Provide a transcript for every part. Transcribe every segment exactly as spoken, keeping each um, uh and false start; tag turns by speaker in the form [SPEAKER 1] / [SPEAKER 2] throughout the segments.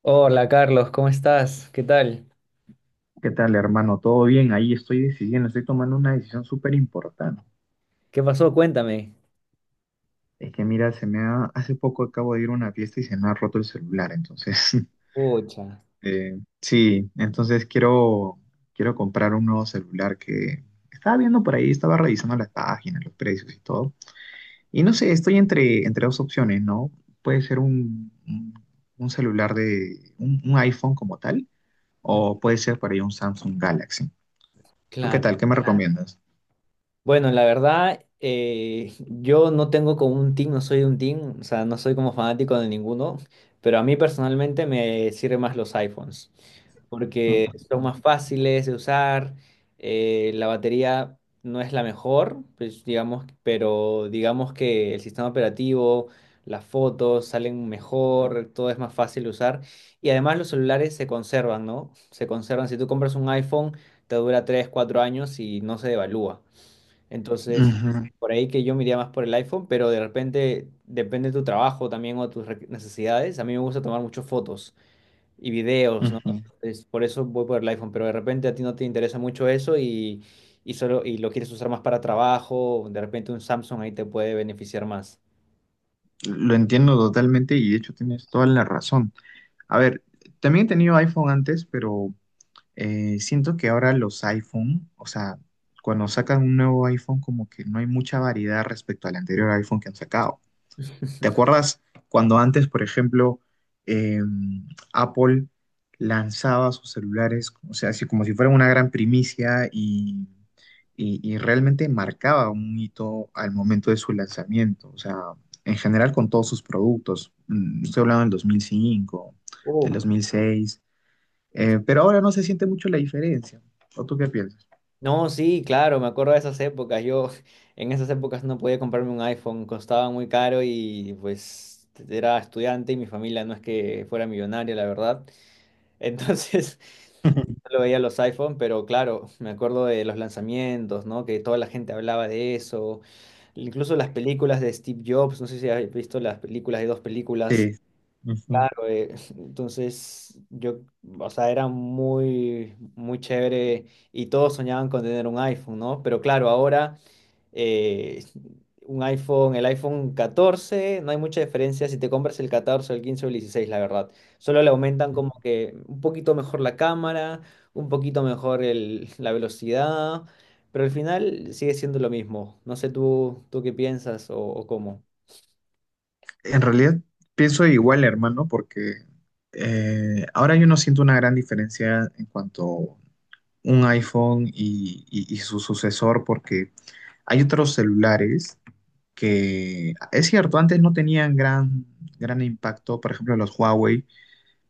[SPEAKER 1] Hola Carlos, ¿cómo estás? ¿Qué tal?
[SPEAKER 2] ¿Qué tal, hermano? ¿Todo bien? Ahí estoy decidiendo, estoy tomando una decisión súper importante.
[SPEAKER 1] ¿Qué pasó? Cuéntame.
[SPEAKER 2] Es que mira, se me ha, hace poco acabo de ir a una fiesta y se me ha roto el celular, entonces,
[SPEAKER 1] Pucha,
[SPEAKER 2] eh, sí, entonces quiero, quiero comprar un nuevo celular que estaba viendo por ahí, estaba revisando las páginas, los precios y todo. Y no sé, estoy entre, entre dos opciones, ¿no? Puede ser un, un, un celular de, un, un iPhone como tal, o puede ser por ahí un Samsung Galaxy. ¿Tú qué
[SPEAKER 1] claro.
[SPEAKER 2] tal? ¿Qué me recomiendas?
[SPEAKER 1] Bueno, la verdad, eh, yo no tengo como un team, no soy de un team, o sea, no soy como fanático de ninguno, pero a mí personalmente me sirven más los iPhones, porque son más fáciles de usar, eh, la batería no es la mejor, pues, digamos, pero digamos que el sistema operativo, las fotos salen mejor, todo es más fácil de usar, y además los celulares se conservan, ¿no? Se conservan, si tú compras un iPhone, te dura tres, cuatro años y no se devalúa. Entonces,
[SPEAKER 2] Ujú.
[SPEAKER 1] por ahí que yo me iría más por el iPhone, pero de repente depende de tu trabajo también o tus re- necesidades. A mí me gusta tomar muchas fotos y videos, ¿no?
[SPEAKER 2] Ujú.
[SPEAKER 1] Entonces, por eso voy por el iPhone, pero de repente a ti no te interesa mucho eso y, y solo y lo quieres usar más para trabajo, de repente un Samsung ahí te puede beneficiar más.
[SPEAKER 2] Lo entiendo totalmente y de hecho tienes toda la razón. A ver, también he tenido iPhone antes, pero eh, siento que ahora los iPhone, o sea, cuando sacan un nuevo iPhone, como que no hay mucha variedad respecto al anterior iPhone que han sacado. ¿Te acuerdas cuando antes, por ejemplo, eh, Apple lanzaba sus celulares, o sea, así como si fuera una gran primicia y, y- y realmente marcaba un hito al momento de su lanzamiento? O sea, en general con todos sus productos. Mm, Estoy hablando del dos mil cinco, del
[SPEAKER 1] Uf.
[SPEAKER 2] dos mil seis, eh, pero ahora no se siente mucho la diferencia. ¿O tú qué piensas?
[SPEAKER 1] No, sí, claro, me acuerdo de esas épocas. Yo en esas épocas no podía comprarme un iPhone, costaba muy caro y pues era estudiante y mi familia no es que fuera millonaria, la verdad. Entonces, lo veía los iPhone, pero claro, me acuerdo de los lanzamientos, ¿no? Que toda la gente hablaba de eso, incluso las películas de Steve Jobs, no sé si has visto las películas de dos películas.
[SPEAKER 2] Sí. Ujú.
[SPEAKER 1] Claro, eh, entonces, yo, o sea, era muy, muy chévere y todos soñaban con tener un iPhone, ¿no? Pero claro, ahora eh, un iPhone, el iPhone catorce no hay mucha diferencia si te compras el catorce el quince o el dieciséis, la verdad. Solo le aumentan como que un poquito mejor la cámara, un poquito mejor el- la velocidad, pero al final sigue siendo lo mismo. No sé tú, tú qué piensas o, o cómo.
[SPEAKER 2] En realidad pienso igual, hermano, porque eh, ahora yo no siento una gran diferencia en cuanto un iPhone y, y- y su sucesor, porque hay otros celulares que, es cierto, antes no tenían gran, gran impacto, por ejemplo, los Huawei,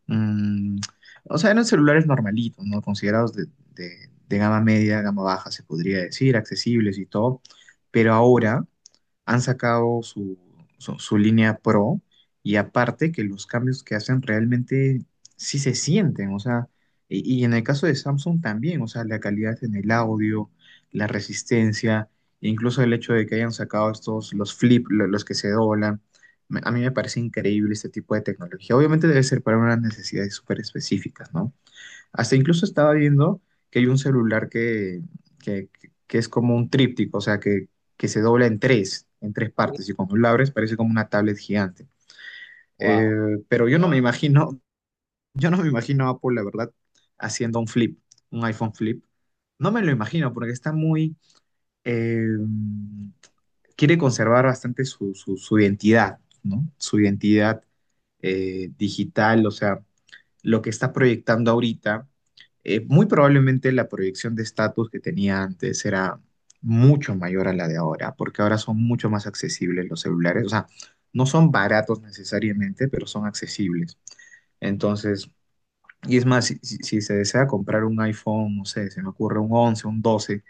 [SPEAKER 2] mm, o sea, eran celulares normalitos, ¿no? Considerados de, de de gama media, gama baja, se podría decir, accesibles y todo, pero ahora han sacado su, su, su línea Pro y aparte que los cambios que hacen realmente sí se sienten, o sea, y, y en el caso de Samsung también, o sea, la calidad en el audio, la resistencia, e incluso el hecho de que hayan sacado estos, los flip, lo- los que se doblan, me- a mí me parece increíble este tipo de tecnología. Obviamente debe ser para unas necesidades súper específicas, ¿no? Hasta incluso estaba viendo que hay un celular que, que, que es como un tríptico, o sea, que, que se dobla en tres, en tres partes, y cuando lo abres parece como una tablet gigante. Eh,
[SPEAKER 1] Wow.
[SPEAKER 2] pero yo no me imagino, yo no me imagino a Apple, la verdad, haciendo un flip, un iPhone flip. No me lo imagino porque está muy, eh, quiere conservar bastante su, su, su identidad, ¿no? Su identidad eh, digital, o sea lo que está proyectando ahorita, eh, muy probablemente la proyección de estatus que tenía antes era mucho mayor a la de ahora, porque ahora son mucho más accesibles los celulares. O sea, no son baratos necesariamente, pero son accesibles. Entonces, y es más, si, si- si se desea comprar un iPhone, no sé, se me ocurre un once, un doce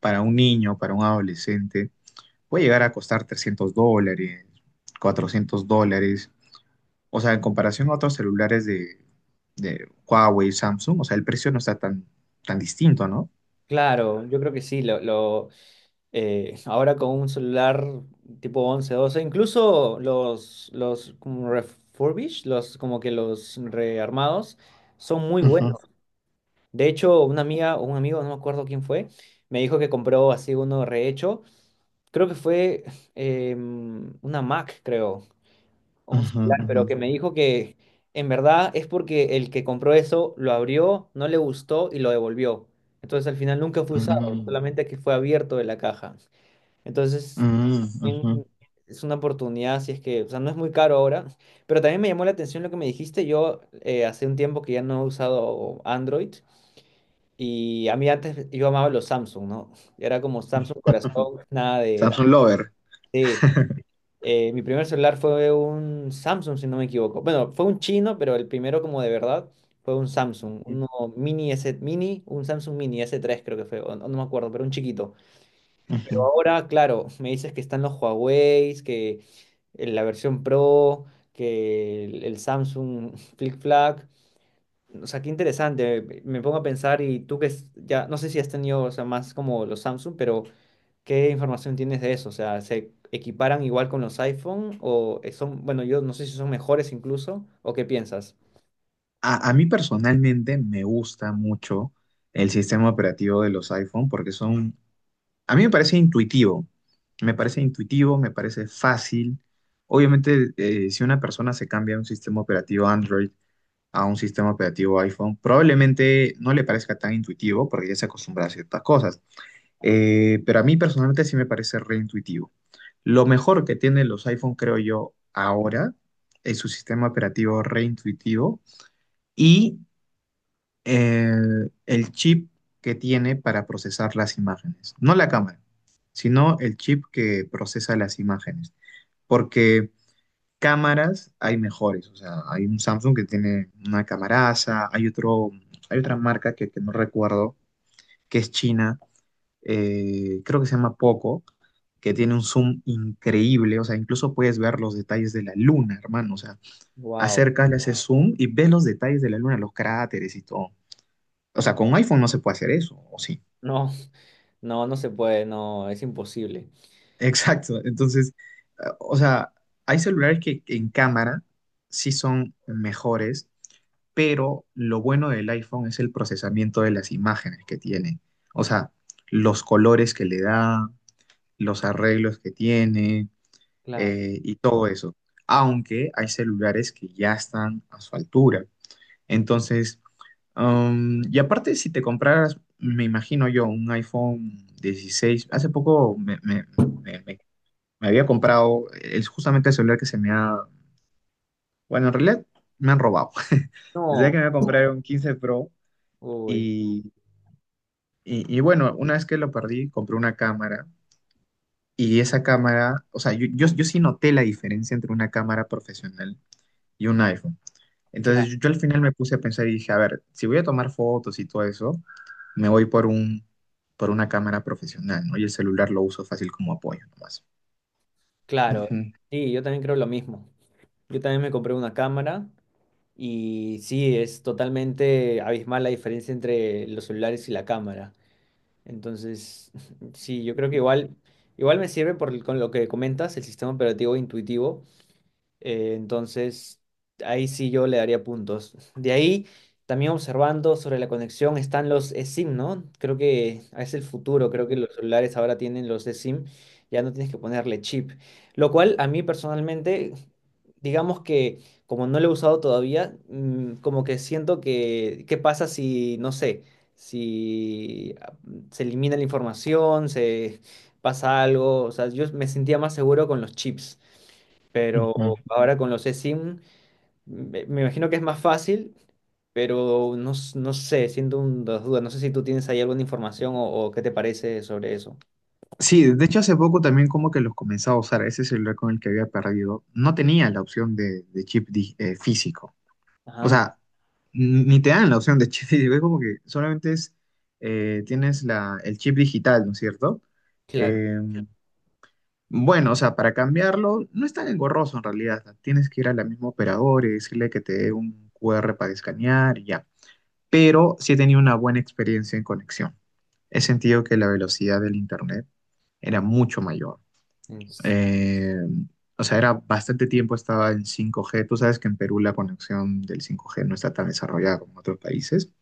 [SPEAKER 2] para un niño, para un adolescente, puede llegar a costar trescientos dólares, cuatrocientos dólares. O sea, en comparación a otros celulares de de Huawei, Samsung, o sea, el precio no está tan, tan distinto, ¿no?
[SPEAKER 1] Claro, yo creo que sí, lo, lo- Eh, ahora con un celular tipo once doce incluso los, los como refurbished, los como que los rearmados, son muy
[SPEAKER 2] Ujú,
[SPEAKER 1] buenos. De hecho, una amiga o un amigo, no me acuerdo quién fue, me dijo que compró así uno rehecho. Creo que fue em, una Mac, creo, o un
[SPEAKER 2] ujú,
[SPEAKER 1] celular,
[SPEAKER 2] ujú.
[SPEAKER 1] pero que me dijo que en verdad es porque el que compró eso lo abrió, no le gustó y lo devolvió. Entonces al final nunca fue usado,
[SPEAKER 2] Mm,
[SPEAKER 1] solamente que fue abierto de la caja. Entonces,
[SPEAKER 2] mm,
[SPEAKER 1] también
[SPEAKER 2] ujú.
[SPEAKER 1] es una oportunidad, si es que, o sea, no es muy caro ahora, pero también me llamó la atención lo que me dijiste. Yo eh, hace un tiempo que ya no he usado Android y a mí antes yo amaba los Samsung, ¿no? Era como Samsung corazón, nada de...
[SPEAKER 2] Samsung Lover.
[SPEAKER 1] de eh, mi primer celular fue un Samsung, si no me equivoco. Bueno, fue un chino, pero el primero como de verdad fue un Samsung, uno mini S, mini, un Samsung mini s tres creo que fue, o no, no me acuerdo, pero un chiquito.
[SPEAKER 2] Ujú.
[SPEAKER 1] Ahora, claro, me dices que están los Huawei, que la versión Pro, que el, el Samsung Flip Flag. O sea, qué interesante. Me me pongo a pensar y tú que es- ya, no sé si has tenido, o sea, más como los Samsung, pero ¿qué información tienes de eso? O sea, ¿se equiparan igual con los iPhone o eh, son, bueno, yo no sé si son mejores incluso o qué piensas?
[SPEAKER 2] A, a mí personalmente me gusta mucho el sistema operativo de los iPhone porque son, a mí me parece intuitivo, me parece intuitivo, me parece fácil. Obviamente, eh, si una persona se cambia de un sistema operativo Android a un sistema operativo iPhone, probablemente no le parezca tan intuitivo porque ya se acostumbra a ciertas cosas. Eh, pero a mí personalmente sí me parece reintuitivo. Lo mejor que tienen los iPhone, creo yo, ahora es su sistema operativo reintuitivo y eh, el chip que tiene para procesar las imágenes. No la cámara, sino el chip que procesa las imágenes. Porque cámaras hay mejores. O sea, hay un Samsung que tiene una camaraza, hay otro, hay otra marca que, que no recuerdo, que es china eh, creo que se llama Poco, que tiene un zoom increíble, o sea, incluso puedes ver los detalles de la luna, hermano, o sea,
[SPEAKER 1] Wow,
[SPEAKER 2] acercas, le haces zoom y ves los detalles de la luna, los cráteres y todo. O sea, con un iPhone no se puede hacer eso, ¿o sí?
[SPEAKER 1] no, no, no se puede, no, es imposible.
[SPEAKER 2] Exacto, entonces, eh, o sea, hay celulares que en cámara sí son mejores, pero lo bueno del iPhone es el procesamiento de las imágenes que tiene, o sea, los colores que le da, los arreglos que tiene
[SPEAKER 1] Claro.
[SPEAKER 2] eh, y todo eso. Aunque hay celulares que ya están a su altura. Entonces, um, y aparte, si te compraras, me imagino yo, un iPhone dieciséis. Hace poco me, me- me- me- me había comprado, es justamente el celular que se me ha, bueno, en realidad me han robado. Desde
[SPEAKER 1] No,
[SPEAKER 2] que me compré un quince Pro
[SPEAKER 1] uy,
[SPEAKER 2] y, y, y bueno, una vez que lo perdí, compré una cámara y esa cámara, o sea, yo, yo, yo sí noté la diferencia entre una cámara profesional y un iPhone.
[SPEAKER 1] cla-
[SPEAKER 2] Entonces yo, yo al final me puse a pensar y dije, a ver, si voy a tomar fotos y todo eso, me voy por un, por una cámara profesional, ¿no? Y el celular lo uso fácil como apoyo nomás.
[SPEAKER 1] claro.
[SPEAKER 2] Ujú,
[SPEAKER 1] Sí, yo también creo lo mismo. Yo también me compré una cámara y sí, es totalmente abismal la diferencia entre los celulares y la cámara. Entonces, sí, yo creo que igual, igual me sirve por, el- con lo que comentas, el sistema operativo intuitivo, eh, entonces, ahí sí yo le daría puntos. De ahí, también observando sobre la conexión están los eSIM, ¿no? Creo que es el futuro, creo que los celulares ahora tienen los eSIM, ya no tienes que ponerle chip. Lo cual a mí personalmente, digamos que como no lo he usado todavía, mm, como que siento que, ¿qué pasa si, no sé, si ah, se elimina la información, se pasa algo? O sea, yo me sentía más seguro con los chips. Pero
[SPEAKER 2] ujú.
[SPEAKER 1] ahora con los eSIM, me me imagino que es más fácil, pero no, s- no sé, siento un- dos dudas. No sé si tú tienes ahí alguna información o, o qué te parece sobre eso.
[SPEAKER 2] Sí, de hecho hace poco también como que los comenzaba a usar, ese celular con el que había perdido, no tenía la opción de, de chip di- eh, físico. O
[SPEAKER 1] Ah,
[SPEAKER 2] sea, n- ni te dan la opción de chip físico, es como que solamente es, eh, tienes la, el chip digital, ¿no es cierto?
[SPEAKER 1] claro.
[SPEAKER 2] Eh, Bueno, o sea, para cambiarlo, no es tan engorroso en realidad. Tienes que ir al mismo operador y decirle que te dé un Q R para escanear y ya. Pero sí he tenido una buena experiencia en conexión. He sentido que la velocidad del internet era mucho mayor.
[SPEAKER 1] Es-
[SPEAKER 2] Eh, o sea, era bastante tiempo estaba en cinco G. Tú sabes que en Perú la conexión del cinco G no está tan desarrollada como en otros países.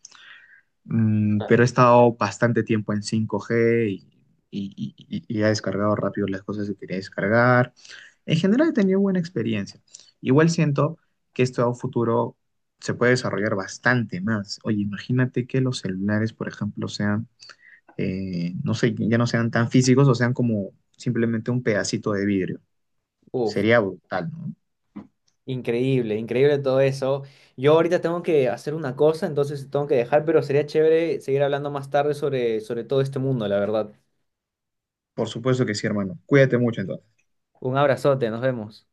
[SPEAKER 2] Mm, pero he estado bastante tiempo en cinco G y, y- y- y he descargado rápido las cosas que quería descargar. En general he tenido buena experiencia. Igual siento que esto a un futuro se puede desarrollar bastante más. Oye, imagínate que los celulares, por ejemplo, sean, eh, no sé, ya no sean tan físicos o sean como simplemente un pedacito de vidrio.
[SPEAKER 1] Uf,
[SPEAKER 2] Sería brutal, ¿no?
[SPEAKER 1] increíble, increíble todo eso. Yo ahorita tengo que hacer una cosa, entonces tengo que dejar, pero sería chévere seguir hablando más tarde sobre, sobre todo este mundo, la verdad.
[SPEAKER 2] Por supuesto que sí, hermano. Cuídate mucho entonces.
[SPEAKER 1] Un abrazote, nos vemos.